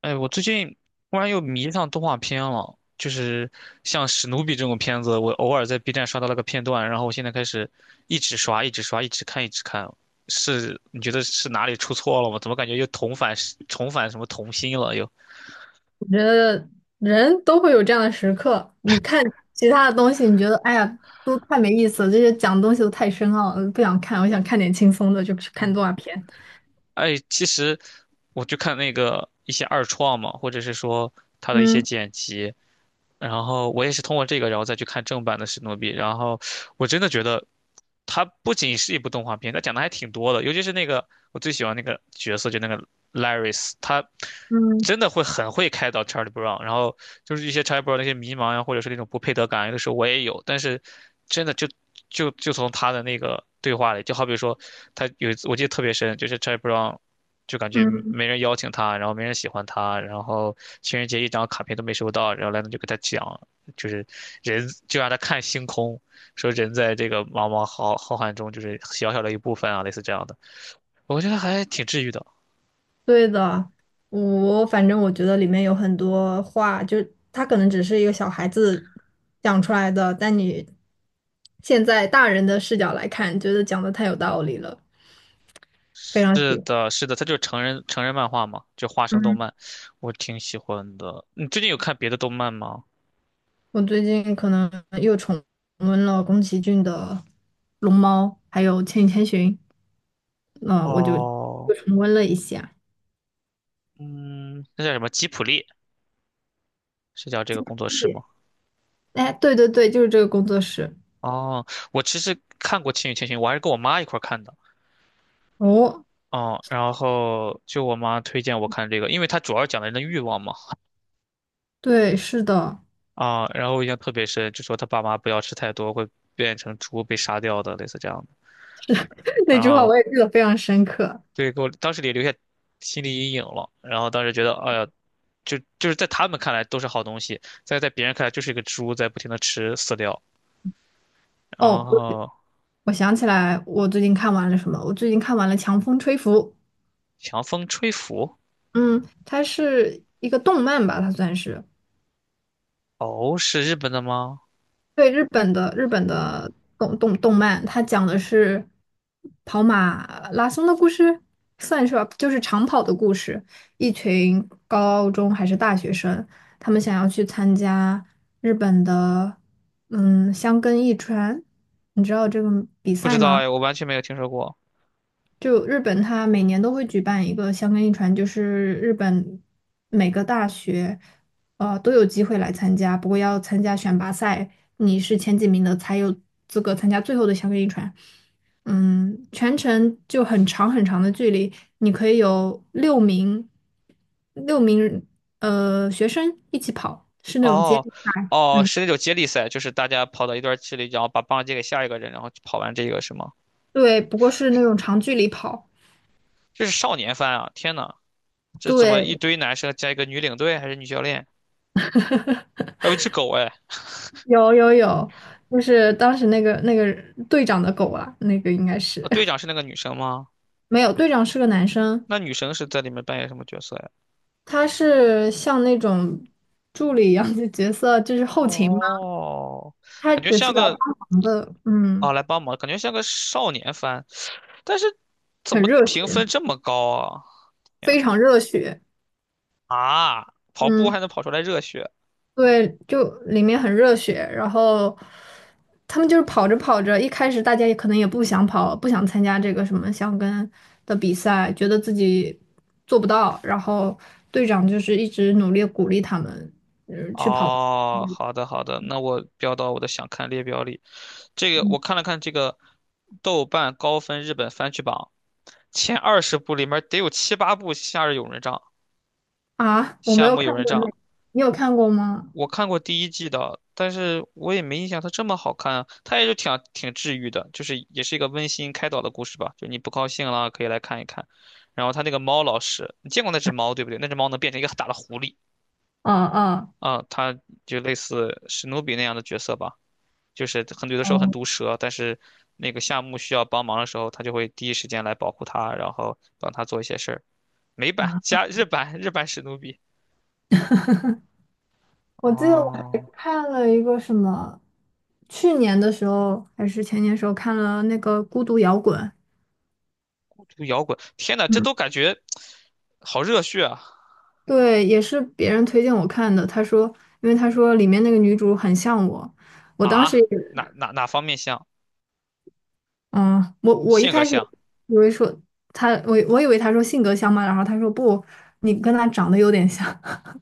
哎，我最近突然又迷上动画片了，就是像史努比这种片子，我偶尔在 B 站刷到了个片段，然后我现在开始一直刷，一直刷，一直看，一直看。是，你觉得是哪里出错了吗？怎么感觉又重返什么童心了又？我觉得人都会有这样的时刻。你看其他的东西，你觉得哎呀，都太没意思了，这些讲的东西都太深奥了，不想看。我想看点轻松的，就去看动画片。哎，其实我就看那个一些二创嘛，或者是说他的一些嗯剪辑，然后我也是通过这个，然后再去看正版的史努比。然后我真的觉得，它不仅是一部动画片，它讲的还挺多的。尤其是那个我最喜欢那个角色，就那个 Laris，他嗯真的会很会开导 Charlie Brown。然后就是一些 Charlie Brown 的一些迷茫呀，或者是那种不配得感，有的时候我也有。但是真的就从他的那个对话里，就好比说他有一次我记得特别深，就是 Charlie Brown。就感觉嗯，没人邀请他，然后没人喜欢他，然后情人节一张卡片都没收到，然后莱农就给他讲，就是人就让他看星空，说人在这个茫茫浩浩瀚中就是小小的一部分啊，类似这样的，我觉得还挺治愈的。对的。我反正我觉得里面有很多话，就是他可能只是一个小孩子讲出来的，但你现在大人的视角来看，觉得讲的太有道理了，非常是喜欢。的，是的，它就是成人漫画嘛，就花生动嗯。漫，我挺喜欢的。你最近有看别的动漫吗？我最近可能又重温了宫崎骏的《龙猫》，还有《千与千寻》，嗯，我就哦，又重温了一下。嗯，那叫什么吉普力？是叫这个工作室吗？哎，对对对，就是这个工作室。哦，我其实看过《千与千寻》，我还是跟我妈一块儿看的。哦，哦，然后就我妈推荐我看这个，因为它主要讲的人的欲望嘛。对，是的，啊，然后我印象特别深，就说他爸妈不要吃太多，会变成猪被杀掉的，类似这样的。那然句话后我也记得非常深刻。对，给我当时也留下心理阴影了。然后当时觉得，哎呀，就是在他们看来都是好东西，在别人看来就是一个猪在不停的吃饲料。然哦，后我想起来，我最近看完了什么？我最近看完了《强风吹拂》。强风吹拂，嗯，它是一个动漫吧，它算是。哦，是日本的吗？对，日本的动漫，它讲的是跑马拉松的故事，算是吧，就是长跑的故事。一群高中还是大学生，他们想要去参加日本的箱根驿传，你知道这个比不赛知道吗？哎，我完全没有听说过。就日本，它每年都会举办一个香根一传，就是日本每个大学，都有机会来参加，不过要参加选拔赛，你是前几名的才有资格参加最后的香根一传。全程就很长很长的距离，你可以有六名学生一起跑，是那种接哦，力赛。哦，嗯，是那种接力赛，就是大家跑到一段距离，然后把棒借给下一个人，然后跑完这个是吗？对，不过是那种长距离跑，这是少年番啊！天呐，这怎么一对，堆男生加一个女领队还是女教练，还有一只狗哎？有有有，就是当时那个队长的狗啊，那个应该啊，是 队长 是那个女生吗？没有，队长是个男生，那女生是在里面扮演什么角色呀？他是像那种助理一样的角色，就是后勤嘛，哦，他感觉只像是来帮个忙的，嗯，啊，来帮忙，感觉像个少年番，但是怎很么热评血，分这么高啊？天非呐，常热血，啊，跑嗯，步还能跑出来热血？对，就里面很热血，然后他们就是跑着跑着，一开始大家也可能也不想跑，不想参加这个什么箱跟的比赛，觉得自己做不到，然后队长就是一直努力鼓励他们。哦，好的好的，那我标到我的想看列表里。这个嗯我看了看这个豆瓣高分日本番剧榜前20部里面得有七八部《夏日友人帐》啊，我没《夏有目友看人过帐》，那，你有看过吗？我看过第一季的，但是我也没印象它这么好看啊。它也是挺啊挺治愈的，就是也是一个温馨开导的故事吧。就你不高兴了可以来看一看。然后他那个猫老师，你见过那只猫对不对？那只猫能变成一个很大的狐狸嗯嗯啊，它就类似史努比那样的角色吧。就是很有的时候很嗯，毒舌，但是那个夏目需要帮忙的时候，他就会第一时间来保护他，然后帮他做一些事儿。美版加日版，日版史努比。我记得我还哦，看了一个什么，去年的时候还是前年的时候看了那个《孤独摇滚》。这个摇滚，天呐，这嗯，都感觉好热血啊！对，也是别人推荐我看的。他说，因为他说里面那个女主很像我，我当时啊，也哪方面像？嗯，我一性格开始像？以为说他，我以为他说性格像嘛，然后他说不，你跟他长得有点像。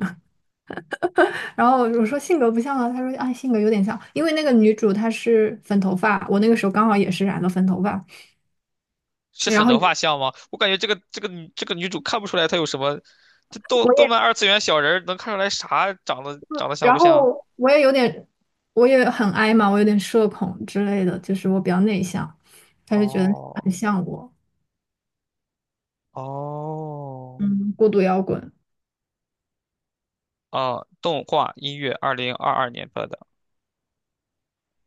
然后我说性格不像啊，他说啊性格有点像，因为那个女主她是粉头发，我那个时候刚好也是染了粉头发，是然粉后头发像吗？我感觉这个这个女这个女主看不出来她有什么，这动我动也，漫二次元小人儿能看出来啥长得像然不像？后我也有点，我也很矮嘛，我有点社恐之类的，就是我比较内向，他就觉得哦很像我。哦。嗯，孤独摇滚，哦，动画音乐，2022年播的，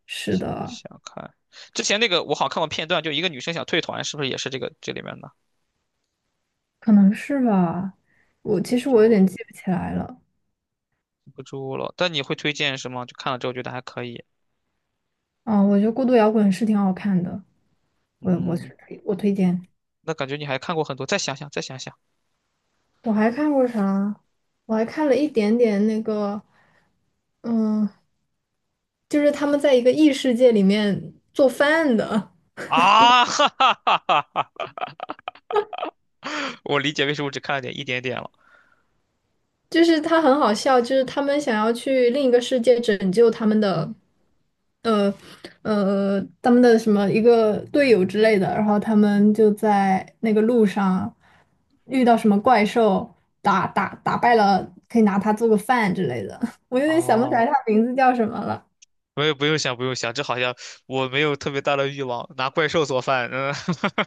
是的，想看。之前那个我好像看过片段，就一个女生想退团，是不是也是这个这里面的？可能是吧。我记其不实住我有了。点记不起来了。记不住了，但你会推荐是吗？就看了之后觉得还可以。啊，我觉得孤独摇滚是挺好看的，我是嗯，推我推荐。那感觉你还看过很多，再想想，再想想我还看过啥？我还看了一点点那个，嗯，就是他们在一个异世界里面做饭的，啊！哈哈哈哈哈！我理解为什么只看了点一点点了。就是他很好笑，就是他们想要去另一个世界拯救他们的，呃他们的什么一个队友之类的，然后他们就在那个路上遇到什么怪兽，打败了，可以拿它做个饭之类的。我有点想不起来哦，它名字叫什么了，没有，不用想，不用想，这好像我没有特别大的欲望拿怪兽做饭。嗯，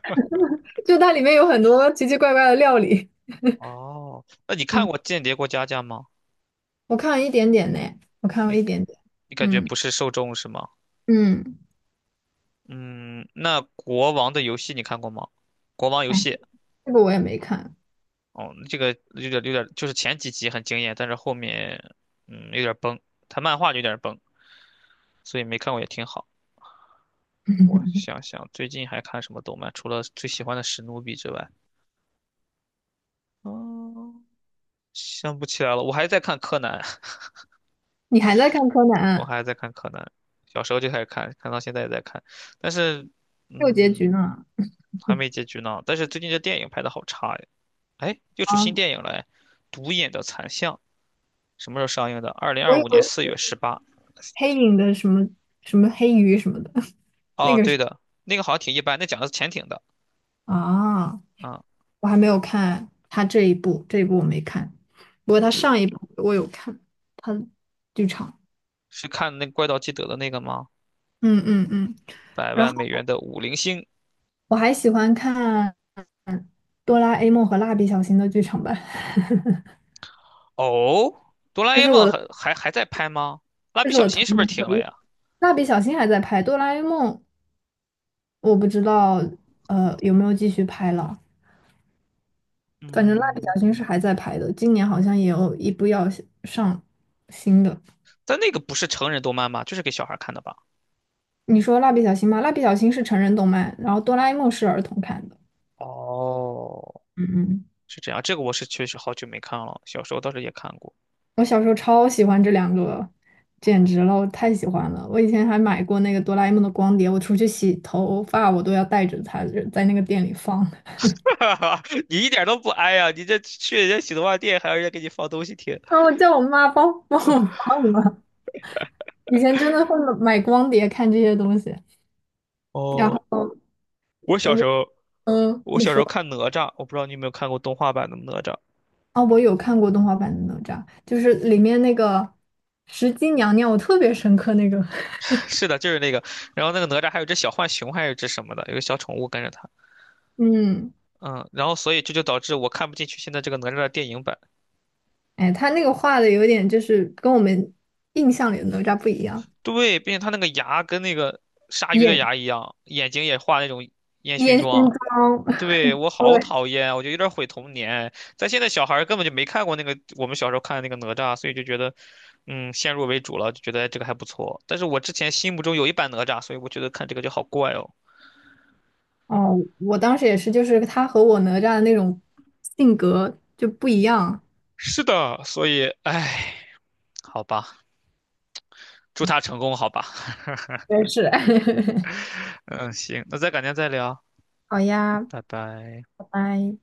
就它里面有很多奇奇怪怪的料理。哦，那你看嗯，过《间谍过家家》吗？我看了一点点呢，我看了一点点。你感觉嗯不是受众是吗？嗯，嗯，那国王的游戏你看过吗？国王游哎，戏，这个我也没看，哦，这个有点有点，就是前几集很惊艳，但是后面有点崩，它漫画就有点崩，所以没看过也挺好。我想想，最近还看什么动漫？除了最喜欢的史努比之外，嗯，想不起来了。我还在看柯南，你还在看柯南我啊还在看柯南，小时候就开始看，看到现在也在看，但是还有结嗯局呢？还没结局呢。但是最近这电影拍的好差呀，哎，又出啊，新电影了哎，《独眼的残像》。什么时候上映的？二零我二以五年四为月十八。黑影的什么什么黑鱼什么的，那哦，个对是的，那个好像挺一般，那讲的是潜艇的啊，啊。我还没有看他这一部，这一部我没看，不过他对，上一部我有看，他的剧场，是看那个怪盗基德的那个吗？嗯嗯嗯，百然万后美元的五零星。我还喜欢看《哆啦 A 梦》和《蜡笔小新》的剧场版，哦，哆 啦 这 A 是我梦的，还在拍吗？蜡这笔是我小的童新是不是年停回了忆。呀？蜡笔小新还在拍，哆啦 A 梦我不知道有没有继续拍了。反正蜡笔嗯，小新是还在拍的，今年好像也有一部要上新的。但那个不是成人动漫吗？就是给小孩看的吧？你说蜡笔小新吗？蜡笔小新是成人动漫，然后哆啦 A 梦是儿童看的。哦，嗯嗯，是这样，这个我是确实好久没看了，小时候倒是也看过。我小时候超喜欢这两个，简直了，我太喜欢了。我以前还买过那个哆啦 A 梦的光碟，我出去洗头发我都要带着它，在那个店里放。你一点都不哀呀、你这去人家洗头发店还要人家给你放东西听。然后我叫我妈帮帮我放了。以前真的会买光碟看这些东西，然哦，后我小时我候我你小时说。候看哪吒，我不知道你有没有看过动画版的哪吒。哦，我有看过动画版的哪吒，就是里面那个石矶娘娘，我特别深刻那个。是的，就是那个。然后那个哪吒还有只小浣熊，还有只什么的，有个小宠物跟着他。嗯，嗯，然后所以这就导致我看不进去现在这个哪吒的电影版。哎，他那个画的有点就是跟我们印象里的哪吒不一样，对，并且他那个牙跟那个鲨鱼的演牙一样，眼睛也画那种烟熏演新妆。装。对，我对，好讨厌啊，我就有点毁童年。但现在小孩儿根本就没看过那个我们小时候看的那个哪吒，所以就觉得，先入为主了，就觉得哎这个还不错。但是我之前心目中有一版哪吒，所以我觉得看这个就好怪哦。哦，我当时也是，就是他和我哪吒的那种性格就不一样。是的，所以，唉，好吧，祝他成功，好吧。也是。嗯行，那再改天再聊，好呀，拜拜。拜拜。